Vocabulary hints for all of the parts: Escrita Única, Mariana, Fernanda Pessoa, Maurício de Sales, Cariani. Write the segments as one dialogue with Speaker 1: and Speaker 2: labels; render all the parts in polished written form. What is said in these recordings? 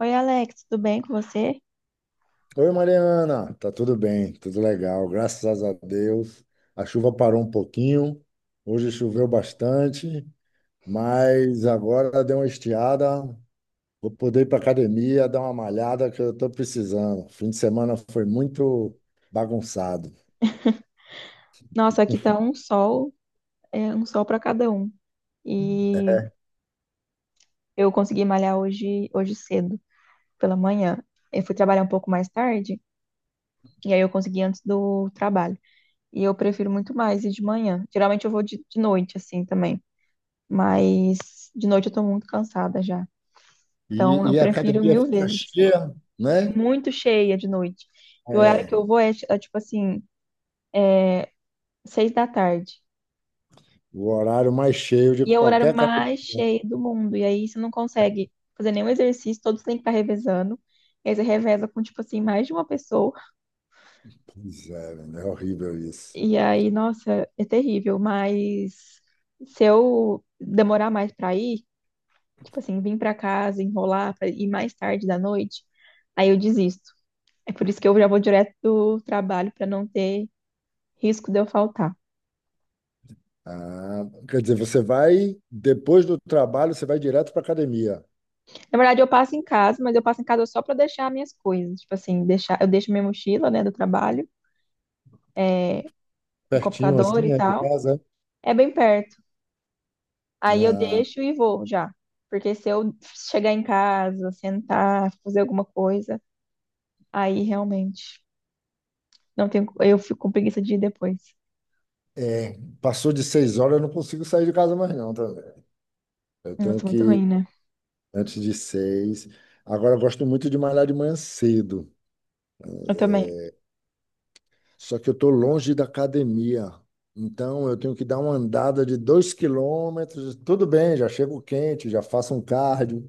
Speaker 1: Oi, Alex, tudo bem com você?
Speaker 2: Oi, Mariana, tá tudo bem, tudo legal, graças a Deus. A chuva parou um pouquinho, hoje choveu bastante, mas agora deu uma estiada. Vou poder ir para academia, dar uma malhada que eu estou precisando. Fim de semana foi muito bagunçado.
Speaker 1: Nossa, aqui tá um sol, é um sol para cada um. E eu consegui malhar hoje, hoje cedo, pela manhã. Eu fui trabalhar um pouco mais tarde, e aí eu consegui antes do trabalho. E eu prefiro muito mais ir de manhã. Geralmente eu vou de noite, assim, também. Mas de noite eu tô muito cansada já. Então
Speaker 2: E,
Speaker 1: eu
Speaker 2: e a
Speaker 1: prefiro
Speaker 2: academia
Speaker 1: mil
Speaker 2: fica
Speaker 1: vezes.
Speaker 2: cheia, né?
Speaker 1: Muito cheia de noite. E o horário
Speaker 2: É,
Speaker 1: que eu vou é tipo assim, seis da tarde.
Speaker 2: o horário mais cheio de
Speaker 1: E é o horário
Speaker 2: qualquer academia.
Speaker 1: mais cheio do mundo. E aí você não consegue fazer nenhum exercício, todos têm que estar revezando. E aí você reveza com, tipo assim, mais de uma pessoa.
Speaker 2: Pois é, menino, é horrível isso.
Speaker 1: E aí, nossa, é terrível. Mas se eu demorar mais pra ir, tipo assim, vir pra casa, enrolar pra ir mais tarde da noite, aí eu desisto. É por isso que eu já vou direto do trabalho pra não ter risco de eu faltar.
Speaker 2: Ah, quer dizer, você vai, depois do trabalho, você vai direto para academia.
Speaker 1: Na verdade, eu passo em casa, mas eu passo em casa só pra deixar minhas coisas. Tipo assim, deixar, eu deixo minha mochila, né, do trabalho, meu
Speaker 2: Pertinho,
Speaker 1: computador e
Speaker 2: assim, é, de
Speaker 1: tal.
Speaker 2: casa.
Speaker 1: É bem perto. Aí eu
Speaker 2: Ah,
Speaker 1: deixo e vou já. Porque se eu chegar em casa, sentar, fazer alguma coisa, aí realmente não tenho, eu fico com preguiça de ir depois.
Speaker 2: é, passou de 6 horas, eu não consigo sair de casa mais, não. Tá? Vendo? Eu tenho
Speaker 1: Nossa,
Speaker 2: que
Speaker 1: muito
Speaker 2: ir
Speaker 1: ruim, né?
Speaker 2: antes de 6. Agora, eu gosto muito de malhar de manhã cedo,
Speaker 1: Eu também.
Speaker 2: só que eu estou longe da academia. Então, eu tenho que dar uma andada de 2 km. Tudo bem, já chego quente, já faço um cardio,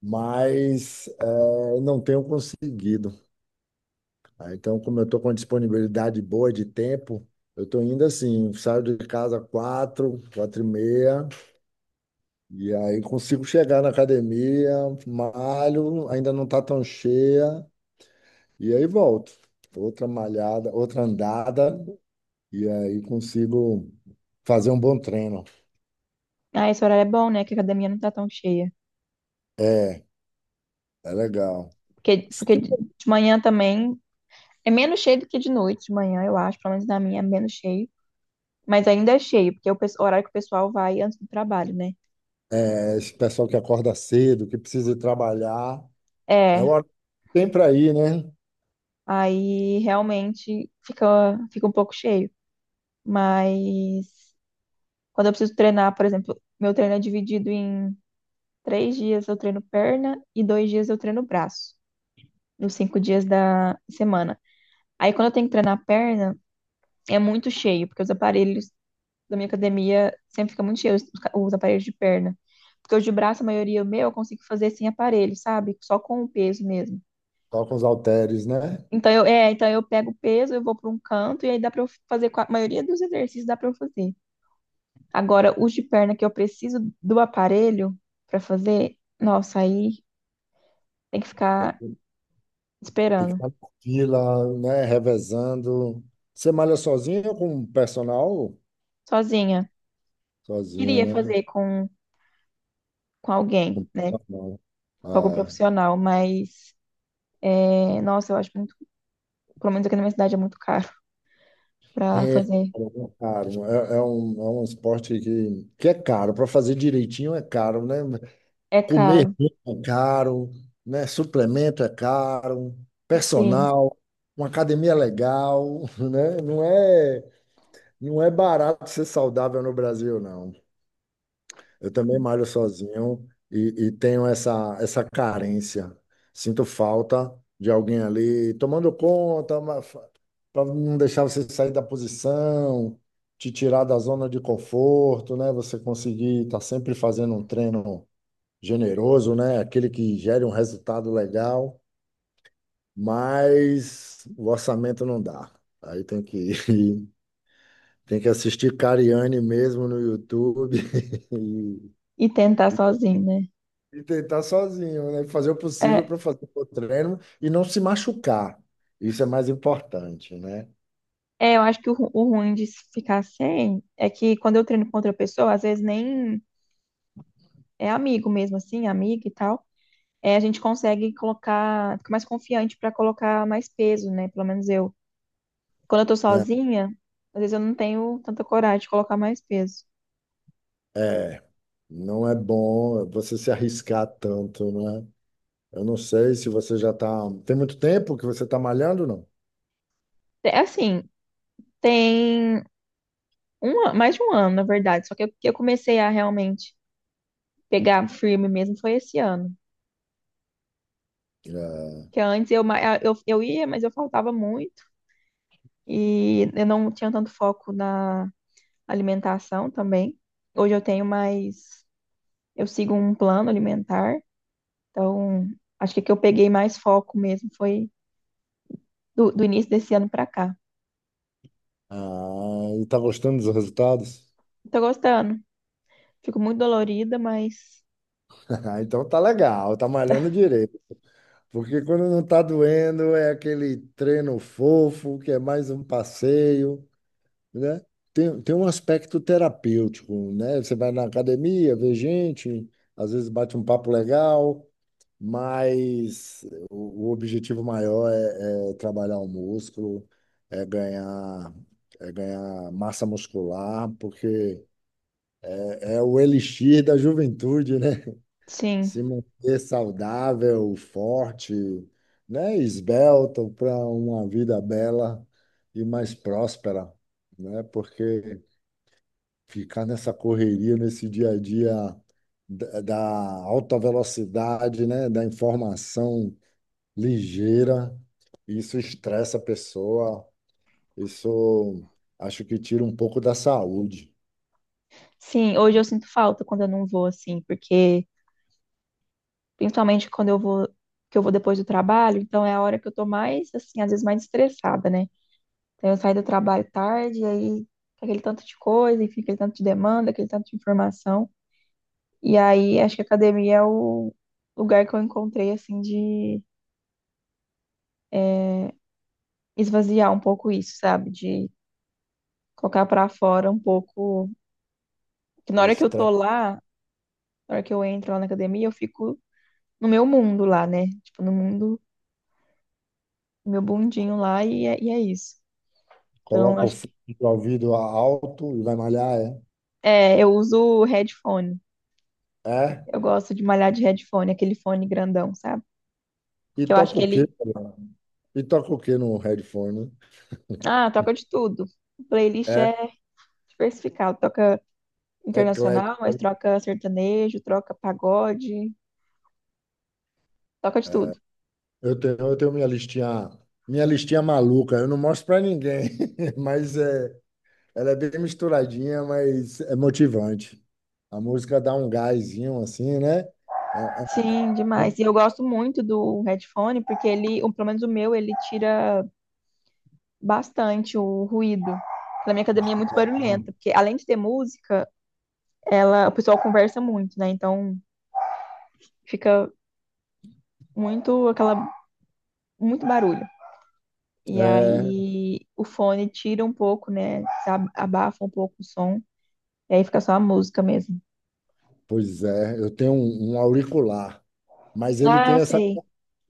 Speaker 2: mas não tenho conseguido. Então, como eu estou com uma disponibilidade boa de tempo, eu estou indo assim, saio de casa 4, 4:30, e aí consigo chegar na academia, malho, ainda não está tão cheia, e aí volto. Outra malhada, outra andada, e aí consigo fazer um bom treino.
Speaker 1: Ah, esse horário é bom, né? Que a academia não tá tão cheia.
Speaker 2: É, é legal.
Speaker 1: Porque,
Speaker 2: Se
Speaker 1: porque
Speaker 2: tem,
Speaker 1: de manhã também é menos cheio do que de noite, de manhã, eu acho. Pelo menos na minha é menos cheio. Mas ainda é cheio, porque é o o horário que o pessoal vai antes do trabalho, né?
Speaker 2: é, esse pessoal que acorda cedo, que precisa ir trabalhar, é o
Speaker 1: É,
Speaker 2: horário que tem para ir, né?
Speaker 1: aí realmente fica, fica um pouco cheio. Mas quando eu preciso treinar, por exemplo, meu treino é dividido em três dias eu treino perna e dois dias eu treino braço, nos cinco dias da semana. Aí quando eu tenho que treinar perna, é muito cheio, porque os aparelhos da minha academia sempre ficam muito cheios, os os aparelhos de perna. Porque os de braço, a maioria meu, eu consigo fazer sem aparelho, sabe? Só com o peso mesmo.
Speaker 2: Toca os halteres, né?
Speaker 1: Então então eu pego o peso, eu vou para um canto e aí dá para eu fazer, a maioria dos exercícios dá para eu fazer. Agora, os de perna que eu preciso do aparelho para fazer, nossa, aí tem que ficar
Speaker 2: Tem que
Speaker 1: esperando,
Speaker 2: estar na fila, né? Revezando. Você malha sozinho ou com personal?
Speaker 1: sozinha.
Speaker 2: Sozinho,
Speaker 1: Queria
Speaker 2: né?
Speaker 1: fazer com alguém, né?
Speaker 2: Não.
Speaker 1: Com algum
Speaker 2: Ah,
Speaker 1: profissional, mas, é, nossa, eu acho muito, pelo menos aqui na minha cidade é muito caro para
Speaker 2: é
Speaker 1: fazer.
Speaker 2: caro. É, é um esporte que é caro. Para fazer direitinho é caro, né?
Speaker 1: É
Speaker 2: Comer
Speaker 1: caro,
Speaker 2: bem é caro, né? Suplemento é caro,
Speaker 1: sim.
Speaker 2: personal, uma academia legal, né? Não é barato ser saudável no Brasil, não. Eu também malho sozinho e tenho essa, essa carência. Sinto falta de alguém ali tomando conta, para não deixar você sair da posição, te tirar da zona de conforto, né? Você conseguir estar sempre fazendo um treino generoso, né? Aquele que gere um resultado legal, mas o orçamento não dá. Aí tem que tem que assistir Cariani mesmo no YouTube e,
Speaker 1: E tentar sozinho, né?
Speaker 2: E tentar sozinho, né? Fazer o possível
Speaker 1: É,
Speaker 2: para fazer o treino e não se machucar. Isso é mais importante, né?
Speaker 1: é, eu acho que o, o ruim de se ficar sem é que quando eu treino com outra pessoa, às vezes nem é amigo mesmo, assim, amiga e tal. É, a gente consegue colocar, fica mais confiante para colocar mais peso, né? Pelo menos eu. Quando eu tô
Speaker 2: Né?
Speaker 1: sozinha, às vezes eu não tenho tanta coragem de colocar mais peso.
Speaker 2: É, não é bom você se arriscar tanto, né? Eu não sei se você já tá. Tem muito tempo que você tá malhando, não?
Speaker 1: É assim, tem um, mais de um ano, na verdade, só que eu comecei a realmente pegar firme mesmo foi esse ano.
Speaker 2: É.
Speaker 1: Que antes eu, eu ia, mas eu faltava muito e eu não tinha tanto foco na alimentação também. Hoje eu tenho mais, eu sigo um plano alimentar. Então, acho que eu peguei mais foco mesmo foi do início desse ano pra cá.
Speaker 2: Ah, e tá gostando dos resultados?
Speaker 1: Tô gostando. Fico muito dolorida, mas
Speaker 2: Então tá legal, tá malhando direito. Porque quando não tá doendo, é aquele treino fofo, que é mais um passeio. Né? Tem um aspecto terapêutico, né? Você vai na academia, vê gente, às vezes bate um papo legal, mas o objetivo maior é, é trabalhar o músculo, é ganhar, é ganhar massa muscular, porque é o elixir da juventude, né? Se
Speaker 1: sim.
Speaker 2: manter saudável, forte, né? Esbelto para uma vida bela e mais próspera, né? Porque ficar nessa correria, nesse dia a dia da alta velocidade, né, da informação ligeira, isso estressa a pessoa, isso acho que tira um pouco da saúde.
Speaker 1: Sim, hoje eu sinto falta quando eu não vou assim, porque principalmente quando eu vou que eu vou depois do trabalho, então é a hora que eu tô mais assim, às vezes mais estressada, né? Então eu saio do trabalho tarde, e aí com aquele tanto de coisa, enfim, aquele tanto de demanda, aquele tanto de informação. E aí acho que a academia é o lugar que eu encontrei assim de eh, esvaziar um pouco isso, sabe? De colocar pra fora um pouco. Que na
Speaker 2: O
Speaker 1: hora que eu tô
Speaker 2: estresse,
Speaker 1: lá, na hora que eu entro lá na academia, eu fico no meu mundo lá, né? Tipo, no mundo, no meu mundinho lá, e é isso. Então,
Speaker 2: coloca o
Speaker 1: acho que.
Speaker 2: fone de ouvido alto e vai malhar, é?
Speaker 1: É, eu uso headphone.
Speaker 2: É?
Speaker 1: Eu gosto de malhar de headphone, aquele fone grandão, sabe?
Speaker 2: E
Speaker 1: Que eu acho
Speaker 2: toca
Speaker 1: que
Speaker 2: o quê?
Speaker 1: ele.
Speaker 2: E toca o quê no headphone?
Speaker 1: Ah, toca de tudo. Playlist
Speaker 2: É,
Speaker 1: é diversificado. Toca internacional,
Speaker 2: eclético.
Speaker 1: mas troca sertanejo, troca pagode, toca de tudo.
Speaker 2: Eu tenho minha listinha maluca, eu não mostro pra ninguém, mas é, ela é bem misturadinha, mas é motivante. A música dá um gásinho assim, né? É,
Speaker 1: Sim, demais. E eu gosto muito do headphone, porque ele, ou pelo menos o meu, ele tira bastante o ruído. Na minha academia é muito
Speaker 2: é-
Speaker 1: barulhenta, porque além de ter música, ela, o pessoal conversa muito, né? Então fica muito aquela, muito barulho. E
Speaker 2: é,
Speaker 1: aí o fone tira um pouco, né? Abafa um pouco o som, e aí fica só a música mesmo.
Speaker 2: pois é, eu tenho um, um auricular, mas ele tem
Speaker 1: Ah,
Speaker 2: essa,
Speaker 1: sei.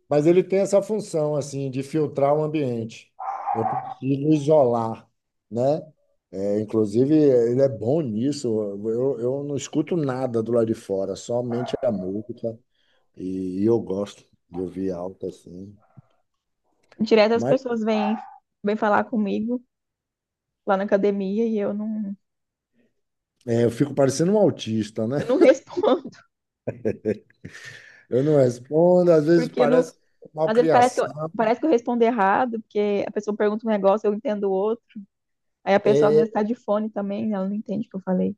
Speaker 2: mas ele tem essa função assim de filtrar o ambiente. Eu consigo isolar, né? É, inclusive, ele é bom nisso. Eu não escuto nada do lado de fora, somente a música. E, eu gosto de ouvir alto assim.
Speaker 1: Direto as pessoas vêm, vêm falar comigo lá na academia e
Speaker 2: É, eu fico parecendo um autista, né?
Speaker 1: eu não respondo,
Speaker 2: Eu não respondo, às vezes
Speaker 1: porque eu não
Speaker 2: parece
Speaker 1: às vezes
Speaker 2: malcriação.
Speaker 1: parece que eu respondo errado, porque a pessoa pergunta um negócio, eu entendo o outro. Aí a pessoa às
Speaker 2: É,
Speaker 1: vezes tá de fone também, né? Ela não entende o que eu falei.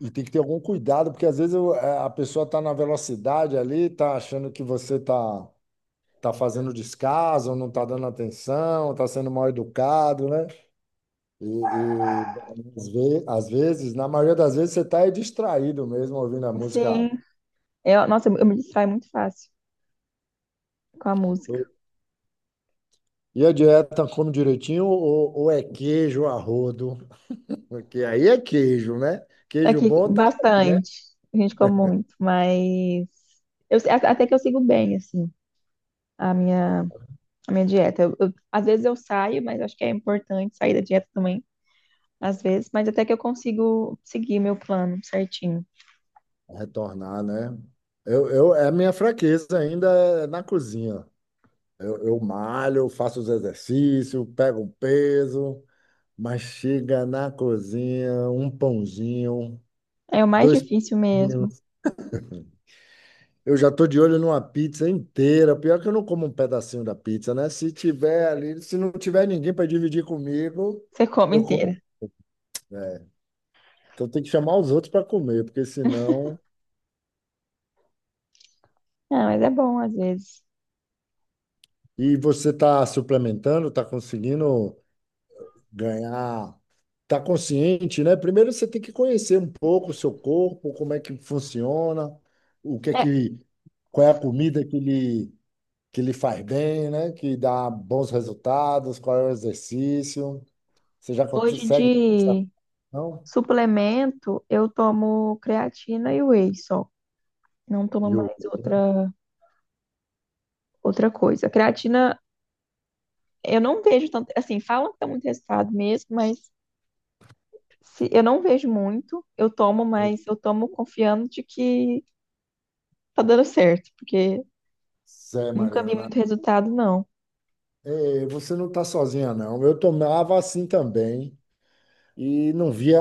Speaker 2: e tem que ter algum cuidado, porque às vezes a pessoa está na velocidade ali, está achando que você está tá fazendo descaso, não está dando atenção, está sendo mal educado, né? E, e às vezes, na maioria das vezes, você está distraído mesmo ouvindo a música.
Speaker 1: Sim, eu, nossa, eu me distraio muito fácil com a música.
Speaker 2: E a dieta come direitinho ou é queijo a rodo? Porque aí é queijo, né? Queijo
Speaker 1: Aqui,
Speaker 2: bom tá, né?
Speaker 1: bastante. A gente come muito, mas até que eu sigo bem, assim, a minha, a minha dieta. Às vezes eu saio, mas acho que é importante sair da dieta também, às vezes, mas até que eu consigo seguir meu plano certinho.
Speaker 2: Retornar, né? É a minha fraqueza ainda é na cozinha. Eu malho, faço os exercícios, pego um peso, mas chega na cozinha, um pãozinho,
Speaker 1: É o mais
Speaker 2: dois
Speaker 1: difícil mesmo.
Speaker 2: pãozinhos. Eu já tô de olho numa pizza inteira. Pior que eu não como um pedacinho da pizza, né? Se tiver ali, se não tiver ninguém para dividir comigo,
Speaker 1: Você come
Speaker 2: eu como.
Speaker 1: inteira.
Speaker 2: É, então tem que chamar os outros para comer, porque senão.
Speaker 1: Ah, mas é bom às vezes.
Speaker 2: E você está suplementando, está conseguindo ganhar, tá consciente, né? Primeiro você tem que conhecer um pouco o seu corpo, como é que funciona, o que é
Speaker 1: É,
Speaker 2: que, qual é a comida que lhe faz bem, né? Que dá bons resultados, qual é o exercício. Você já
Speaker 1: hoje
Speaker 2: consegue essa
Speaker 1: de
Speaker 2: não?
Speaker 1: suplemento, eu tomo creatina e whey só. Não tomo
Speaker 2: E
Speaker 1: mais
Speaker 2: outra,
Speaker 1: outra coisa. Creatina, eu não vejo tanto. Assim, falam que dá muito resultado mesmo, mas se, eu não vejo muito. Eu tomo,
Speaker 2: né?
Speaker 1: mas eu tomo confiando de que tá dando certo, porque
Speaker 2: Zé,
Speaker 1: nunca vi
Speaker 2: Mariana,
Speaker 1: muito resultado, não.
Speaker 2: você não está sozinha, não. Eu tomava assim também e não via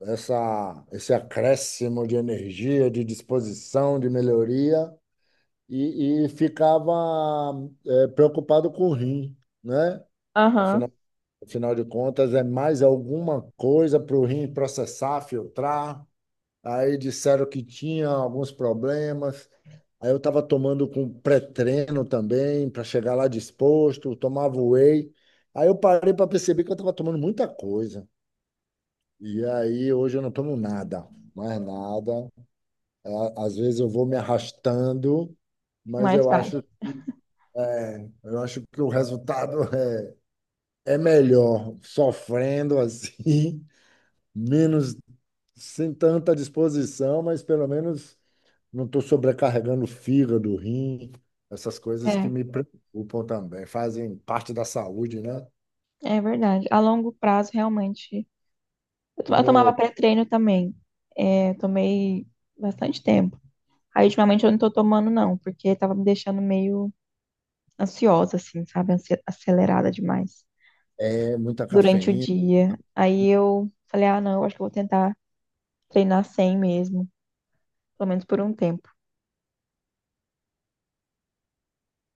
Speaker 2: essa, esse acréscimo de energia, de disposição, de melhoria. E ficava preocupado com o rim, né?
Speaker 1: Aham,
Speaker 2: Afinal, afinal de contas, é mais alguma coisa para o rim processar, filtrar. Aí disseram que tinha alguns problemas. Aí eu estava tomando com pré-treino também, para chegar lá disposto, tomava whey. Aí eu parei para perceber que eu estava tomando muita coisa. E aí hoje eu não tomo nada, mais nada. Às vezes eu vou me arrastando, mas
Speaker 1: mas
Speaker 2: eu
Speaker 1: vai.
Speaker 2: acho é, eu acho que o resultado é, é melhor sofrendo assim, menos sem tanta disposição, mas pelo menos não estou sobrecarregando o fígado, o rim, essas coisas que
Speaker 1: É,
Speaker 2: me preocupam também, fazem parte da saúde, né?
Speaker 1: é verdade. A longo prazo, realmente. Eu tomava pré-treino também. É, tomei bastante tempo. Aí ultimamente eu não tô tomando, não, porque tava me deixando meio ansiosa, assim, sabe? Acelerada demais
Speaker 2: É, é muita
Speaker 1: durante o
Speaker 2: cafeína.
Speaker 1: dia. Aí eu falei, ah, não, acho que eu vou tentar treinar sem mesmo, pelo menos por um tempo.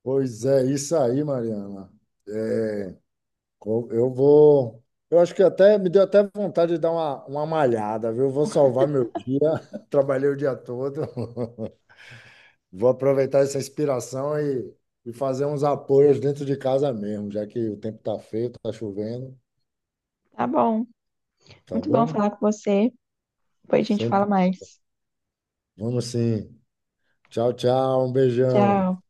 Speaker 2: Pois é, isso aí, Mariana. É, eu vou. Eu acho que até me deu até vontade de dar uma malhada, viu? Vou salvar meu dia. Trabalhei o dia todo. Vou aproveitar essa inspiração e fazer uns apoios dentro de casa mesmo, já que o tempo tá feio, tá chovendo,
Speaker 1: Tá bom.
Speaker 2: tá
Speaker 1: Muito bom
Speaker 2: bom?
Speaker 1: falar com você. Depois a gente fala
Speaker 2: Sempre.
Speaker 1: mais.
Speaker 2: Vamos sim. Tchau, tchau, um beijão.
Speaker 1: Tchau.